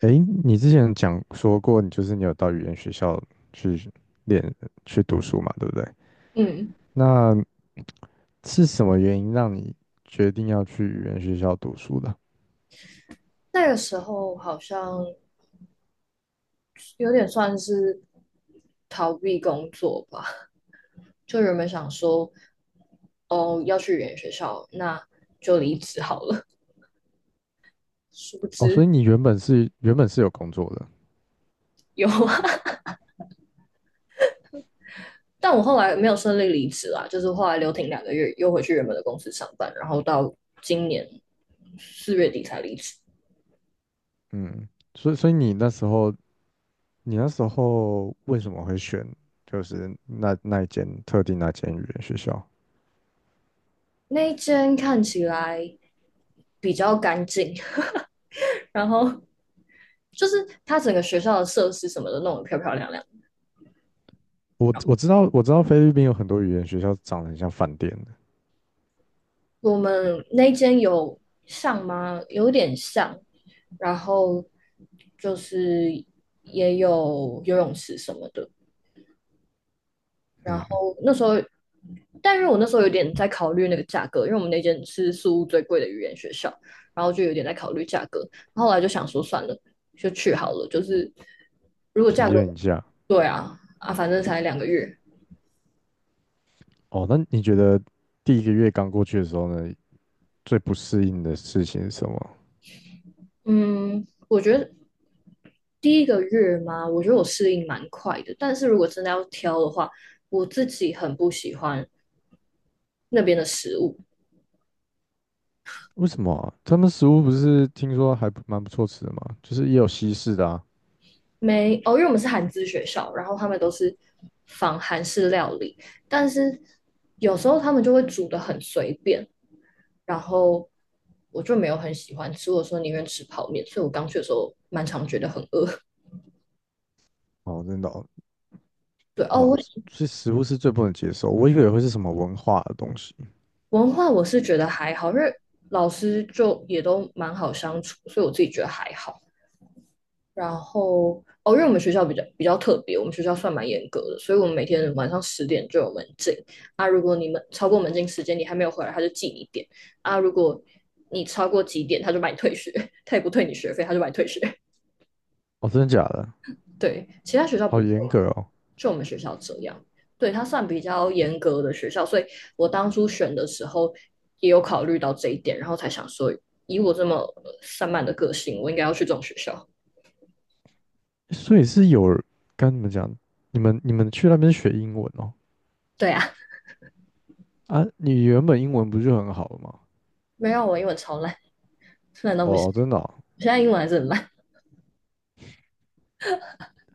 诶，你之前讲说过，你就是你有到语言学校去练去读书嘛，对不对？嗯，那是什么原因让你决定要去语言学校读书的？那个时候好像有点算是逃避工作吧，就原本想说，哦，要去语言学校，那就离职好了。殊不哦，所知以你原本是有工作的，有啊。 但我后来没有顺利离职啦，就是后来留停两个月，又回去原本的公司上班，然后到今年4月底才离职。嗯，所以你那时候为什么会选就是那一间特定那间语言学校？那一间看起来比较干净，然后就是它整个学校的设施什么的弄得漂漂亮亮。我知道菲律宾有很多语言学校长得很像饭店的，我们那间有上吗？有点像，然后就是也有游泳池什么的。然嗯，后那时候，但是我那时候有点在考虑那个价格，因为我们那间是宿屋最贵的语言学校，然后就有点在考虑价格。然后后来就想说算了，就去好了。就是如果体价格，验一下。对啊啊，反正才两个月。哦，那你觉得第一个月刚过去的时候呢，最不适应的事情是什么？嗯，我觉得第一个月嘛，我觉得我适应蛮快的。但是如果真的要挑的话，我自己很不喜欢那边的食物。为什么啊他们食物不是听说还不蛮不错吃的吗？就是也有西式的啊。没，哦，因为我们是韩资学校，然后他们都是仿韩式料理，但是有时候他们就会煮的很随便，然后我就没有很喜欢吃。我说宁愿吃泡面，所以我刚去的时候蛮常觉得很饿。哦，真的哦对，哦，哇，我所以食物是最不能接受，我以为会是什么文化的东西。文化我是觉得还好，因为老师就也都蛮好相处，所以我自己觉得还好。然后哦，因为我们学校比较特别，我们学校算蛮严格的，所以我们每天晚上10点就有门禁。啊，如果你们超过门禁时间，你还没有回来，他就记你点。啊，如果你超过几点，他就把你退学，他也不退你学费，他就把你退学。哦，真的假的？对，其他学校不好会。严格哦。就我们学校这样，对，它算比较严格的学校，所以我当初选的时候也有考虑到这一点，然后才想说，以我这么散漫的个性，我应该要去这种学校。所以是有人跟你们讲，你们去那边学英文哦？对啊，啊，你原本英文不是很好了吗？没有，我英文超烂，烂到不行，哦，真的哦我现在英文还是很烂。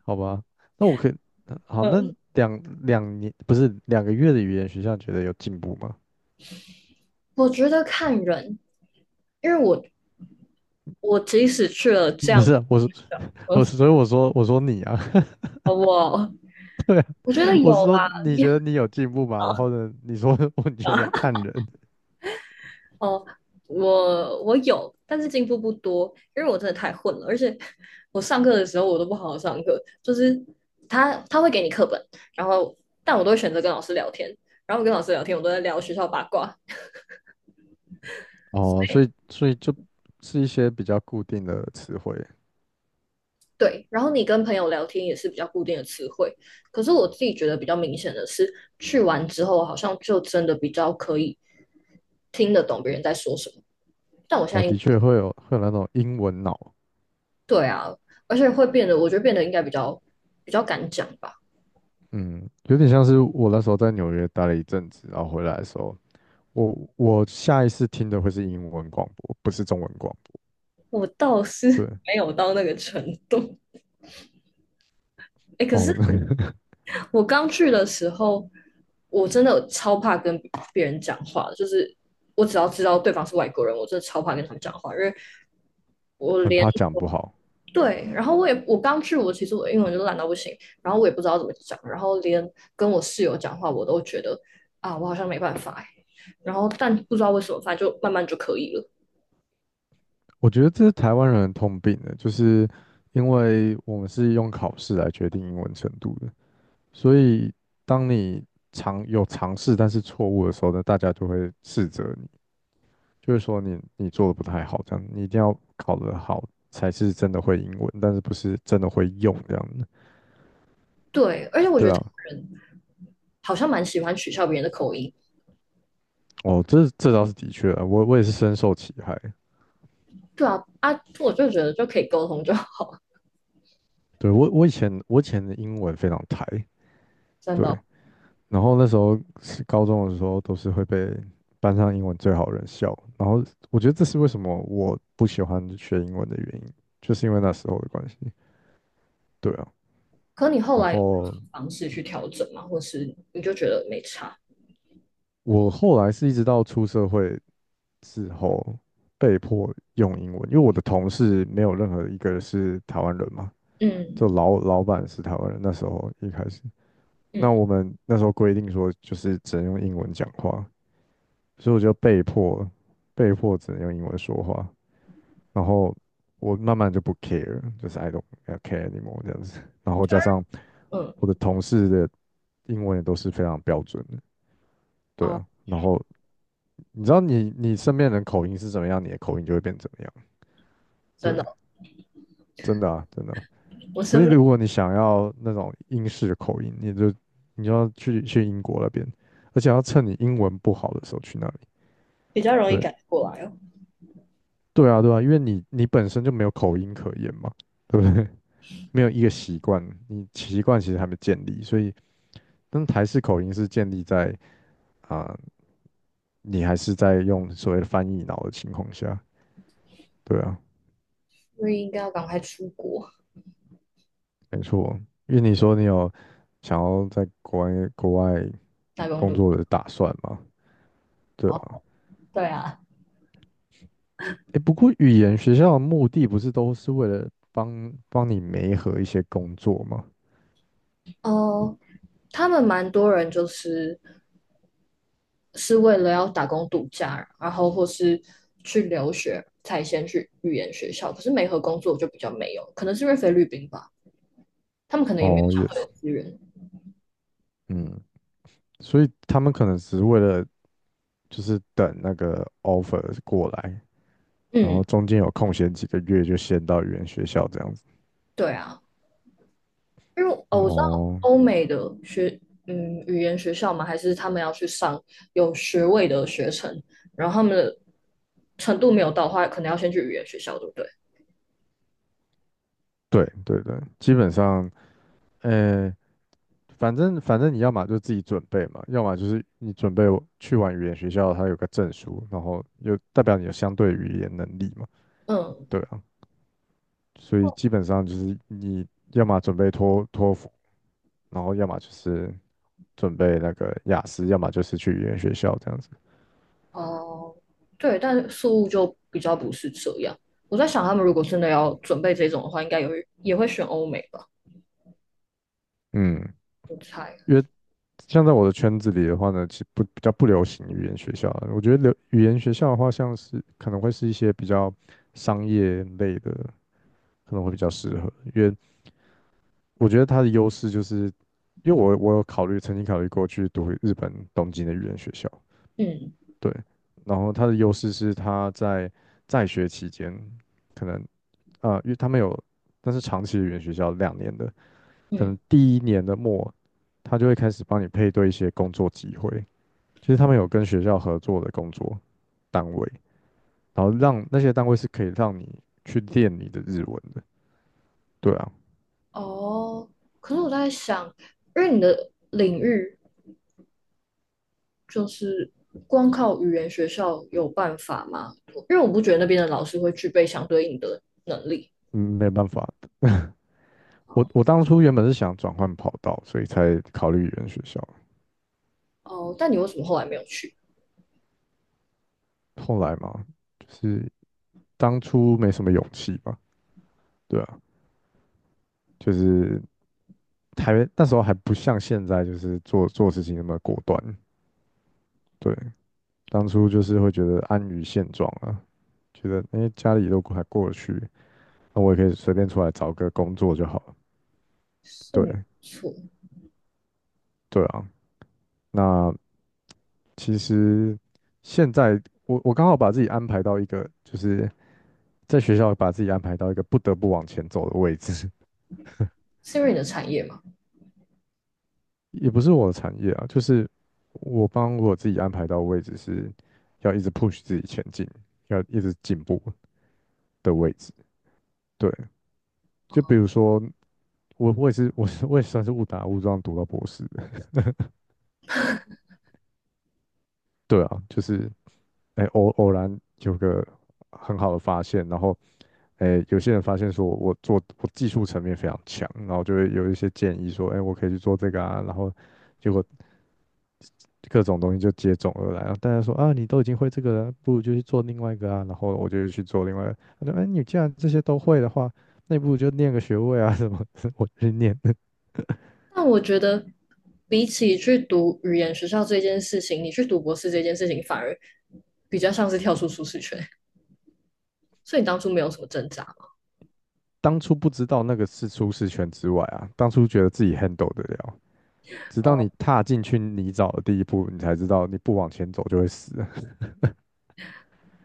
好吧，那我可以，好，那嗯，两年不是两个月的语言学校，觉得有进步吗？我觉得看人，因为我即使去了 这不样，是啊我是 我是，嗯，所以我说你啊，好不好， 对啊，我觉得我有是说啦，你也觉得你有进步吗？然后好。呢，你说 我觉得看人哦，我有，但是进步不多，因为我真的太混了，而且 我上课的时候我都不好好上课，就是他会给你课本，然后但我都会选择跟老师聊天，然后我跟老师聊天，我都在聊学校八卦，哦，所以就是一些比较固定的词汇对，然后你跟朋友聊天也是比较固定的词汇，可是我自己觉得比较明显的是，去完之后好像就真的比较可以听得懂别人在说什么，但我现哦，在的应确会有那种英文脑，对啊，而且会变得，我觉得变得应该比较比较敢讲吧。嗯，有点像是我那时候在纽约待了一阵子，然后回来的时候，我下一次听的会是英文广播，不是中文广我倒是 播，对。没有到那个程度。哎，可是哦，我刚去的时候，我真的超怕跟别人讲话，就是我只要知道对方是外国人，我真的超怕跟他们讲话，因为我很连怕讲不好。对，然后我刚去，我其实我英文就烂到不行，然后我也不知道怎么讲，然后连跟我室友讲话，我都觉得啊，我好像没办法哎，然后但不知道为什么，反正就慢慢就可以了。我觉得这是台湾人的通病的，就是因为我们是用考试来决定英文程度的，所以当你尝试但是错误的时候呢，大家就会斥责你，就是说你做的不太好，这样你一定要考得好才是真的会英文，但是不是真的会用这样的。对，而且我觉对得他啊，人好像蛮喜欢取笑别人的口音。哦，这倒是的确啊，我也是深受其害。对啊啊，我就觉得就可以沟通就好，对，我以前的英文非常台，真对。的。然后那时候是高中的时候，都是会被班上英文最好的人笑。然后我觉得这是为什么我不喜欢学英文的原因，就是因为那时候的关系。对啊，可你后然来有后方式去调整嘛，或是你就觉得没差？我后来是一直到出社会之后被迫用英文，因为我的同事没有任何一个是台湾人嘛，就嗯老板是台湾人。那时候一开始，嗯那我们那时候规定说就是只能用英文讲话，所以我就被迫只能用英文说话。然后我慢慢就不 care，就是 I don't care anymore 这样子。然后加上嗯，我的同事的英文也都是非常标准的，对哦，啊。然后你知道你身边人口音是怎么样，你的口音就会变怎么样，真对，的，真的啊，真的啊我是所不以是如果你想要那种英式的口音，你就要去英国那边，而且要趁你英文不好的时候去那里。比较容易对，改过来哦？对啊，对啊，因为你本身就没有口音可言嘛，对不对？没有一个习惯，你习惯其实还没建立，所以但台式口音是建立在啊、呃你还是在用所谓的翻译脑的情况下，对啊，所以应该要赶快出国没错。因为你说你有想要在国外打工工度假作的打算嘛，对哦，啊。对啊。诶，不过语言学校的目的不是都是为了帮帮你媒合一些工作吗？哦，他们蛮多人就是是为了要打工度假，然后或是去留学才先去语言学校，可是没和工作就比较没有，可能是因为菲律宾吧，他们可能也没有哦相对，yes，的资源。嗯，所以他们可能只是为了就是等那个 offer 过来，然嗯。后中间有空闲几个月就先到语言学校这样子。对啊，因为哦，我知道哦，欧美的学，嗯，语言学校嘛，还是他们要去上有学位的学程，然后他们的程度没有到的话，可能要先去语言学校，对不对？对对对，基本上，呃，反正你要么就自己准备嘛，要么就是你准备去完语言学校，它有个证书，然后又代表你有相对语言能力嘛，嗯，对啊，所以基本上就是你要么准备托福，然后要么就是准备那个雅思，要么就是去语言学校这样子。哦，对，但宿务就比较不是这样。我在想，他们如果真的要准备这种的话，应该也会选欧美吧，嗯，我猜。因为像在我的圈子里的话呢，其实不比较不流行语言学校啊我觉得流语言学校的话，像是可能会是一些比较商业类的。可能会比较适合，因为我觉得它的优势就是，因为我有考虑，曾经考虑过去读日本东京的语言学校，嗯对，然后它的优势是它在在学期间，可能啊，因为他们有，但是长期的语言学校两年的，可嗯，能第一年的末，他就会开始帮你配对一些工作机会，就是他们有跟学校合作的工作单位，然后让那些单位是可以让你去练你的日文的，对啊，哦，可是我在想，因为你的领域就是光靠语言学校有办法吗？因为我不觉得那边的老师会具备相对应的能力。嗯，没办法，我当初原本是想转换跑道，所以才考虑语言学校。哦，但你为什么后来没有去？后来嘛，就是当初没什么勇气吧，对啊，就是还那时候还不像现在，就是做事情那么果断。对，当初就是会觉得安于现状啊，觉得诶家里都还过得去，那我也可以随便出来找个工作就好了。是没对错，对啊，那其实现在我刚好把自己安排到一个就是在学校把自己安排到一个不得不往前走的位置，是因为你的产业嘛？也不是我的产业啊，就是我帮我自己安排到的位置是要一直 push 自己前进，要一直进步的位置。对，就比如说我，我也是，我是我也算是误打误撞读到博士的 对啊，就是哎、偶然有个很好的发现，然后哎、有些人发现说我技术层面非常强，然后就会有一些建议说，哎、我可以去做这个啊，然后结果各种东西就接踵而来啊。大家说啊，你都已经会这个了，不如就去做另外一个啊。然后我就去做另外一个，他说，哎，你既然这些都会的话，那不如就念个学位啊什么的我去念，但我觉得，比起去读语言学校这件事情，你去读博士这件事情，反而比较像是跳出舒适圈。所以你当初没有什么挣扎嘛？当初不知道那个是出适圈之外啊，当初觉得自己 handle 得了，直到哦，你踏进去泥沼的第一步，你才知道你不往前走就会死。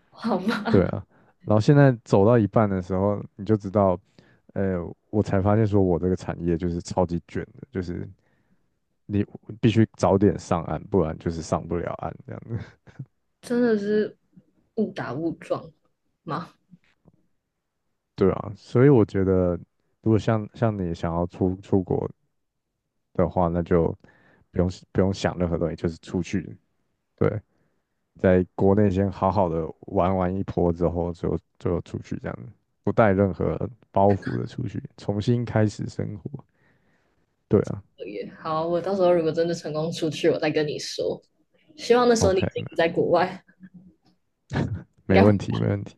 好对吧，啊，然后现在走到一半的时候，你就知道，呃，我才发现说我这个产业就是超级卷的，就是你必须早点上岸，不然就是上不了岸这样子。真的是误打误撞吗？对啊，所以我觉得，如果像你想要出国的话，那就不用想任何东西，就是出去。对，在国内先好好的玩完一波之后，就出去这样子，不带任何包袱的出去，重新开始生活。对啊也好，我到时候如果真的成功出去，我再跟你说。希望那时候你已，OK，经没在国外，应没该会问题，没问题。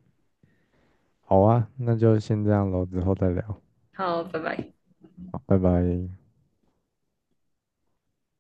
好啊，那就先这样喽，之后再聊。好，拜拜。好，拜拜。